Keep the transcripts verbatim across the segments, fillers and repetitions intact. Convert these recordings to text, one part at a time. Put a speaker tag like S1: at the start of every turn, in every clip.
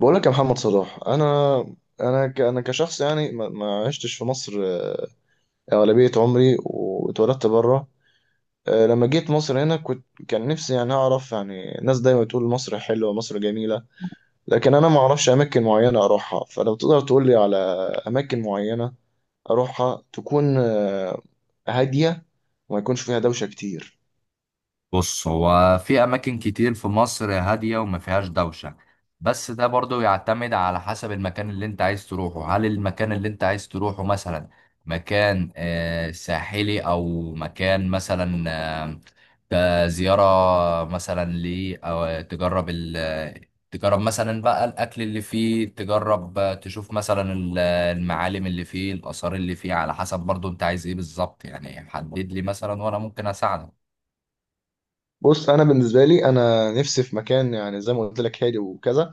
S1: بقول لك يا محمد صلاح انا انا ك- انا كشخص يعني ما ما عشتش في مصر آه، اغلبيه عمري واتولدت بره. آه، لما جيت مصر هنا كنت كان نفسي يعني اعرف يعني الناس دايما تقول مصر حلوه مصر جميله، لكن انا ما اعرفش اماكن معينه اروحها. فلو تقدر تقول لي على اماكن معينه اروحها تكون آه، هاديه وما يكونش فيها دوشه كتير.
S2: بص، هو في أماكن كتير في مصر هادية وما فيهاش دوشة. بس ده برضو يعتمد على حسب المكان اللي أنت عايز تروحه. هل المكان اللي أنت عايز تروحه مثلا مكان آه، ساحلي، أو مكان مثلا آه، آه، زيارة مثلا ليه، أو تجرب ال تجرب مثلا بقى الأكل اللي فيه، تجرب آه، تشوف مثلا ال- المعالم اللي فيه، الآثار اللي فيه، على حسب برضو أنت عايز إيه بالظبط. يعني حدد لي مثلا وأنا ممكن أساعدك.
S1: بص انا بالنسبه لي انا نفسي في مكان يعني زي ما قلت لك هادي وكذا،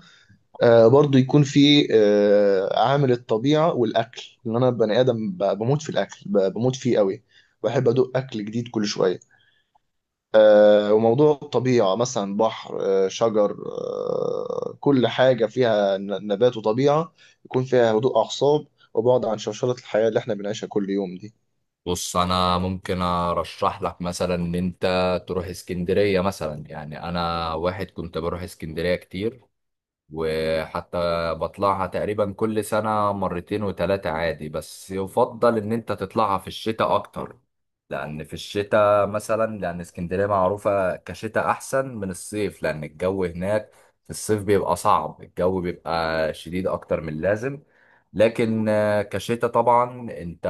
S1: آه، برضو يكون في آه، عامل الطبيعة والأكل، لأن أنا بني آدم ب- بموت في الأكل، ب- بموت فيه قوي. بحب أدوق أكل جديد كل شوية. آه، وموضوع الطبيعة مثلا بحر، آه، شجر، آه، كل حاجة فيها ن- نبات وطبيعة، يكون فيها هدوء أعصاب وبعد عن شوشرة الحياة اللي احنا بنعيشها كل يوم دي.
S2: بص، انا ممكن ارشح لك مثلا ان انت تروح اسكندريه مثلا. يعني انا واحد كنت بروح اسكندريه كتير، وحتى بطلعها تقريبا كل سنة مرتين وتلاتة عادي. بس يفضل إن أنت تطلعها في الشتاء أكتر، لأن في الشتاء مثلا، لأن اسكندرية معروفة كشتاء أحسن من الصيف، لأن الجو هناك في الصيف بيبقى صعب، الجو بيبقى شديد أكتر من اللازم. لكن آه، كشتاء طبعا أنت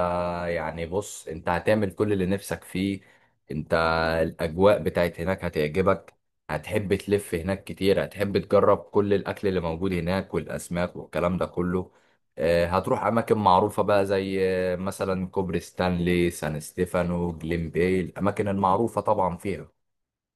S2: يعني، بص، أنت هتعمل كل اللي نفسك فيه. أنت، الأجواء بتاعت هناك هتعجبك، هتحب تلف هناك كتير، هتحب تجرب كل الأكل اللي موجود هناك والأسماك والكلام ده كله. آه، هتروح أماكن معروفة بقى زي آه، مثلا كوبري ستانلي، سان ستيفانو، جليم باي، الأماكن المعروفة طبعا فيها.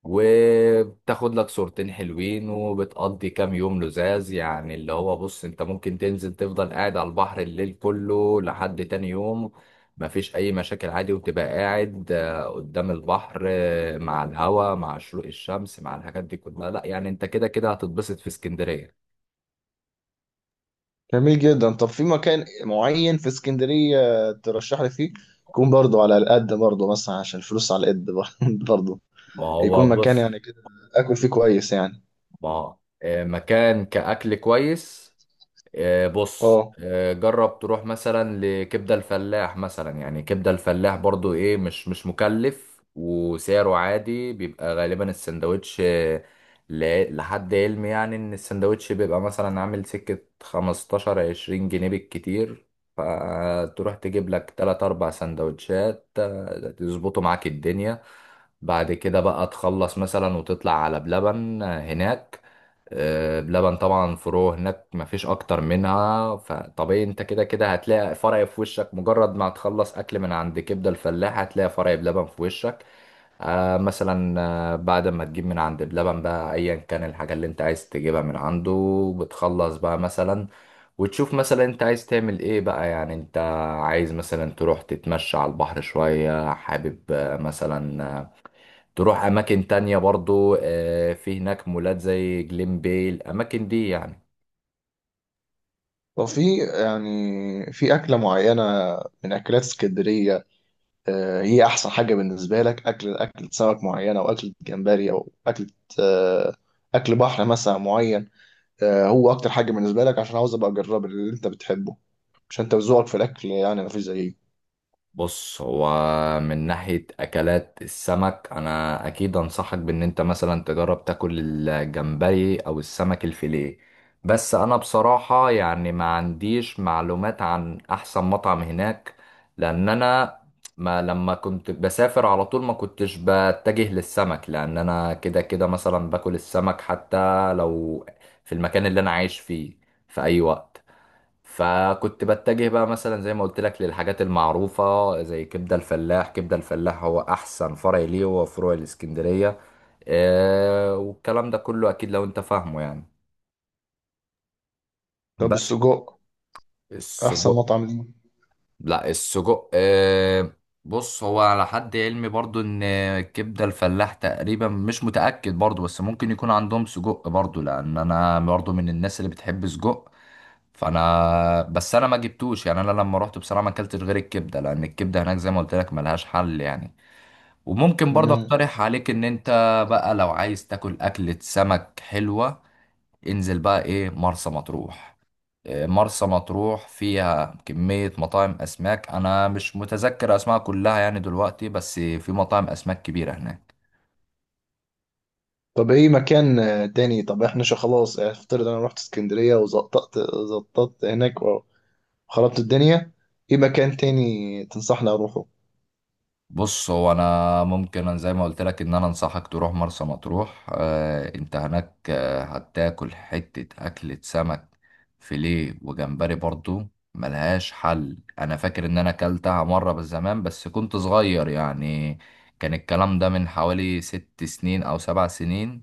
S2: وبتاخد لك صورتين حلوين، وبتقضي كام يوم لزاز. يعني اللي هو بص، انت ممكن تنزل تفضل قاعد على البحر الليل كله لحد تاني يوم، مفيش اي مشاكل عادي، وتبقى قاعد آه، قدام البحر آه، مع الهوا، مع شروق الشمس، مع الحاجات دي كلها. لا يعني، انت كده كده هتتبسط في اسكندرية.
S1: جميل جدا. طب في مكان معين في اسكندرية ترشح لي فيه، يكون برضو على القد، برضو مثلا عشان الفلوس على القد برضو،
S2: ما هو
S1: يكون مكان
S2: بص،
S1: يعني كده اكل فيه كويس يعني.
S2: ما آه، مكان كأكل كويس، آه، بص،
S1: اه،
S2: آه، جرب تروح مثلا لكبدة الفلاح مثلا. يعني كبدة الفلاح برضو ايه، مش مش مكلف، وسعره عادي، بيبقى غالبا السندوتش آه، ل- لحد علمي يعني ان السندوتش بيبقى مثلا عامل سكة خمستاشر عشرين جنيه بالكتير. فتروح تجيب لك تلات اربع سندوتشات آه، تظبطوا معاك الدنيا. بعد كده بقى تخلص مثلا، وتطلع على بلبن آه، هناك. آه، بلبن طبعا فروع هناك مفيش اكتر منها، فطبيعي انت كده كده هتلاقي فرع في وشك. مجرد ما هتخلص اكل من عند كبده الفلاح هتلاقي فرع بلبن في وشك. آه مثلا، آه، بعد ما تجيب من عند بلبن بقى ايا كان الحاجه اللي انت عايز تجيبها من عنده، بتخلص بقى مثلا، وتشوف مثلا انت عايز تعمل ايه بقى. يعني انت عايز مثلا تروح تتمشى على البحر شويه، حابب آه، مثلا آه، تروح اماكن تانية برضو، آه، في هناك مولات زي جليم باي، الاماكن دي يعني.
S1: وفي يعني في اكله معينه من اكلات اسكندريه، آه، هي احسن حاجه بالنسبه لك؟ اكل اكل سمك معينه او اكل جمبري او اكل، آه، اكل بحر مثلا معين، آه، هو اكتر حاجه بالنسبه لك؟ عشان عاوز ابقى اجرب اللي انت بتحبه، عشان انت ذوقك في الاكل يعني مفيش زيه.
S2: بص، هو من ناحية أكلات السمك أنا أكيد أنصحك بإن أنت مثلا تجرب تاكل الجمبري أو السمك الفيليه. بس أنا بصراحة يعني ما عنديش معلومات عن أحسن مطعم هناك، لأن أنا ما لما كنت بسافر على طول ما كنتش بتجه للسمك، لأن أنا كده كده مثلا باكل السمك حتى لو في المكان اللي أنا عايش فيه في أي وقت. فكنت بتجه بقى مثلا زي ما قلت لك للحاجات المعروفة زي كبدة الفلاح. كبدة الفلاح هو أحسن فرع ليه، هو فروع الإسكندرية آه والكلام ده كله. أكيد لو أنت فاهمه يعني.
S1: طب
S2: بس
S1: السجق احسن
S2: السجق،
S1: مطعم ليه؟
S2: لا السجق آه، بص، هو على حد علمي برضو إن كبدة الفلاح تقريبا مش متأكد برضو، بس ممكن يكون عندهم سجق برضو، لأن أنا برضو من الناس اللي بتحب سجق. فانا بس انا ما جبتوش. يعني انا لما رحت بصراحه ما اكلتش غير الكبده، لان الكبده هناك زي ما قلت لك ملهاش حل يعني. وممكن برضه
S1: مم.
S2: اقترح عليك ان انت بقى لو عايز تاكل اكله سمك حلوه، انزل بقى ايه، مرسى مطروح. إيه، مرسى مطروح فيها كميه مطاعم اسماك. انا مش متذكر اسماء كلها يعني دلوقتي، بس في مطاعم اسماك كبيره هناك.
S1: طب ايه مكان آه، تاني؟ طب احنا شو خلاص افترض انا رحت اسكندريه وزقطت، زقطت هناك، خربت الدنيا، ايه مكان تاني تنصحني اروحه؟
S2: بص، هو انا ممكن، أنا زي ما قلت لك ان انا انصحك تروح مرسى مطروح. آه، انت هناك آه هتاكل حتة اكلة سمك فيليه وجمبري برضو، ملهاش حل. انا فاكر ان انا اكلتها مرة بس زمان، بس كنت صغير يعني. كان الكلام ده من حوالي ست سنين او سبع سنين.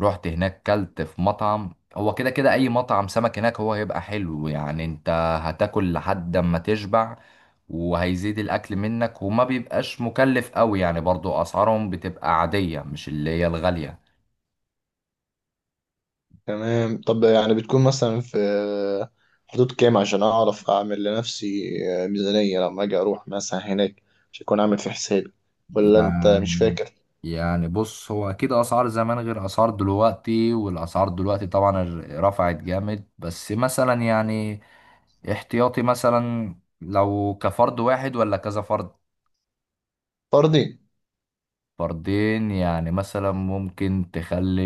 S2: رحت هناك كلت في مطعم، هو كده كده اي مطعم سمك هناك هو هيبقى حلو. يعني انت هتاكل لحد ما تشبع، وهيزيد الاكل منك، وما بيبقاش مكلف قوي. يعني برضو اسعارهم بتبقى عادية، مش اللي هي الغالية.
S1: تمام. طب يعني بتكون مثلا في حدود كام عشان اعرف اعمل لنفسي ميزانية لما اجي اروح مثلا هناك، مش هكون عامل في حسابي، ولا انت مش
S2: يعني
S1: فاكر؟
S2: يعني بص، هو اكيد اسعار زمان غير اسعار دلوقتي، والاسعار دلوقتي طبعا ر- رفعت جامد. بس مثلا يعني احتياطي مثلا، لو كفرد واحد ولا كذا فرد،
S1: فردي.
S2: فردين يعني، مثلا ممكن تخلي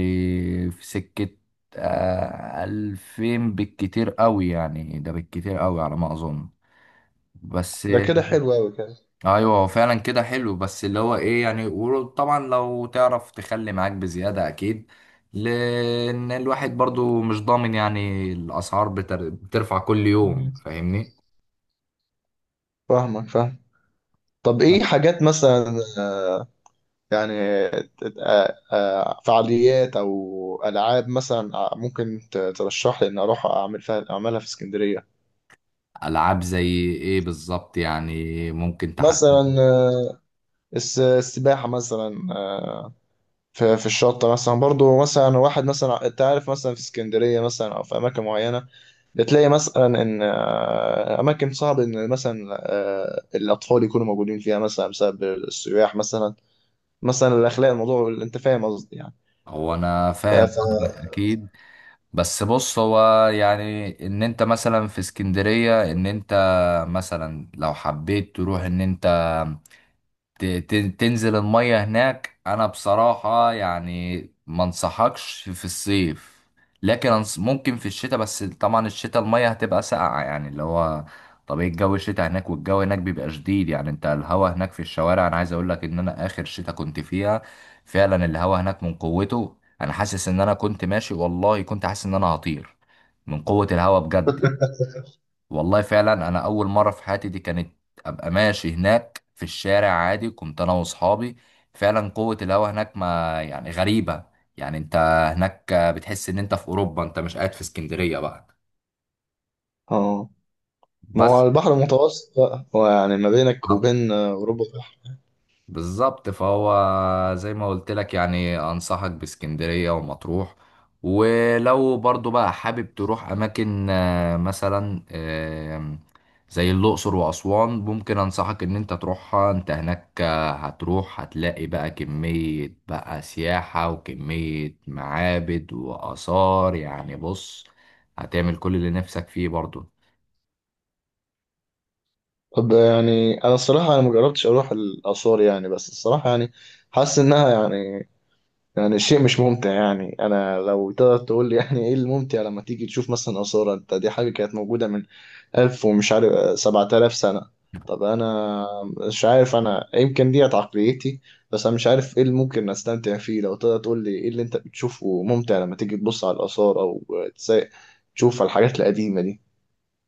S2: في سكة آه، ألفين بالكتير قوي. يعني ده بالكتير قوي على ما أظن، بس.
S1: ده كده حلو قوي كده.
S2: ايوه، هو فعلا كده حلو، بس اللي هو ايه يعني، وطبعا لو تعرف تخلي معاك بزيادة اكيد، لان الواحد برضو مش ضامن. يعني الاسعار بتر... بترفع كل يوم،
S1: مم.
S2: فاهمني؟
S1: فاهمك، فاهم. طب ايه حاجات مثلا يعني ت- آه، آه، فعاليات او العاب مثلا ممكن ت- ترشح لي ان اروح اعمل فيها اعملها في اسكندرية؟
S2: العاب زي ايه بالظبط؟ يعني ممكن
S1: مثلا
S2: تحدد.
S1: الس- السباحة مثلا، آه، في في الشط مثلا، برضو مثلا واحد مثلا انت عارف مثلا في اسكندرية مثلا أو في أماكن معينة بتلاقي مثلا إن آه، أماكن صعب إن مثلا آه، الأطفال يكونوا موجودين فيها مثلا بسبب السياح مثلا، مثلا الأخلاق الموضوع، أنت فاهم قصدي يعني.
S2: هو انا
S1: ف...
S2: فاهم
S1: ف-
S2: قصدك اكيد، بس بص، هو يعني ان انت مثلا في اسكندرية، ان انت مثلا لو حبيت تروح، ان انت ت- ت- تنزل المية هناك، انا بصراحة يعني ما انصحكش في الصيف. لكن أنص- ممكن في الشتاء، بس طبعا الشتاء المية هتبقى ساقعة، يعني اللي هو طبيعي الجو الشتاء هناك. والجو هناك بيبقى شديد. يعني انت الهوا هناك في الشوارع، انا عايز اقول لك ان انا اخر شتاء كنت فيها فعلا الهوا هناك من قوته، انا حاسس ان انا كنت ماشي، والله كنت حاسس ان انا هطير من قوة الهوا بجد. والله فعلا انا اول مره في حياتي دي كانت ابقى ماشي هناك في الشارع عادي، كنت انا واصحابي. فعلا قوه الهواء هناك ما يعني غريبه. يعني انت هناك بتحس ان انت في اوروبا، انت مش قاعد في اسكندريه بقى،
S1: اه، ما هو
S2: بس.
S1: البحر المتوسط بقى، هو يعني ما بينك وبين آه، اوروبا بحر.
S2: بالظبط، فهو زي ما قلت لك يعني، انصحك باسكندرية ومطروح. ولو برضو بقى حابب تروح اماكن آه، مثلا، آم، زي الاقصر واسوان، ممكن انصحك ان انت تروحها. انت هناك آه، هتروح هتلاقي بقى كمية بقى سياحة وكمية معابد واثار. يعني بص، هتعمل كل اللي نفسك فيه برضو.
S1: طب يعني انا الصراحه انا ما جربتش اروح الاثار يعني، بس الصراحه يعني حاسس انها يعني، يعني الشيء مش ممتع يعني. انا لو تقدر تقول لي يعني ايه الممتع لما تيجي تشوف مثلا آثار انت، دي حاجة كانت موجودة من ألف ومش عارف سبعة آلاف سنة. طب انا مش عارف، انا يمكن ديت عقليتي، بس انا مش عارف ايه اللي ممكن استمتع فيه. لو تقدر تقول لي ايه اللي انت بتشوفه ممتع لما تيجي تبص على الآثار او تس- تشوف الحاجات القديمة دي.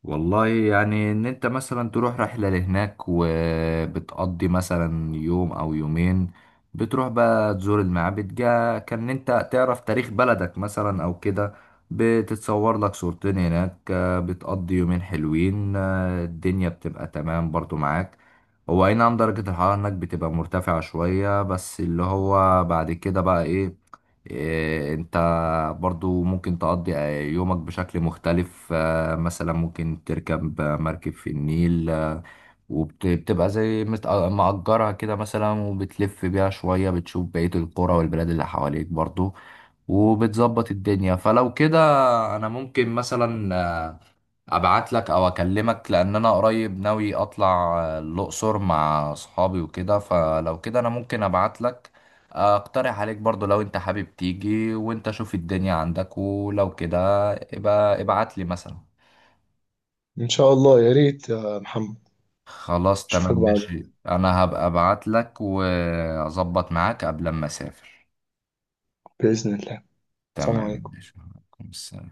S2: والله، يعني ان انت مثلا تروح رحلة لهناك وبتقضي مثلا يوم او يومين، بتروح بقى تزور المعابد، جا كان انت تعرف تاريخ بلدك مثلا او كده، بتتصور لك صورتين هناك، آه، بتقضي يومين حلوين، آه، الدنيا بتبقى تمام برضو معاك. هو اي نعم درجة الحرارة هناك بتبقى مرتفعة شوية، بس اللي هو بعد كده بقى ايه. إيه، انت برضو ممكن تقضي آه، يومك بشكل مختلف، آه، مثلا ممكن تركب آه، مركب في النيل، آه، وبتبقى زي مت- آه، مأجرها كده مثلا، وبتلف بيها شوية، بتشوف بقية القرى والبلاد اللي حواليك برضو، وبتظبط الدنيا. فلو كده، أنا ممكن مثلا آه، ابعت لك او اكلمك، لان انا قريب ناوي اطلع آه، الاقصر مع اصحابي وكده. فلو كده انا ممكن ابعت لك، آه، اقترح عليك برضو لو انت حابب تيجي، وانت شوف الدنيا عندك، ولو كده ابقى ابعت لي مثلا.
S1: ان شاء الله يا ريت يا محمد.
S2: خلاص،
S1: اشوفك
S2: تمام
S1: بعد
S2: ماشي، انا هبقى ابعت لك واظبط معاك قبل ما اسافر.
S1: بإذن الله. سلام
S2: تمام
S1: عليكم.
S2: ماشي، وعليكم السلام.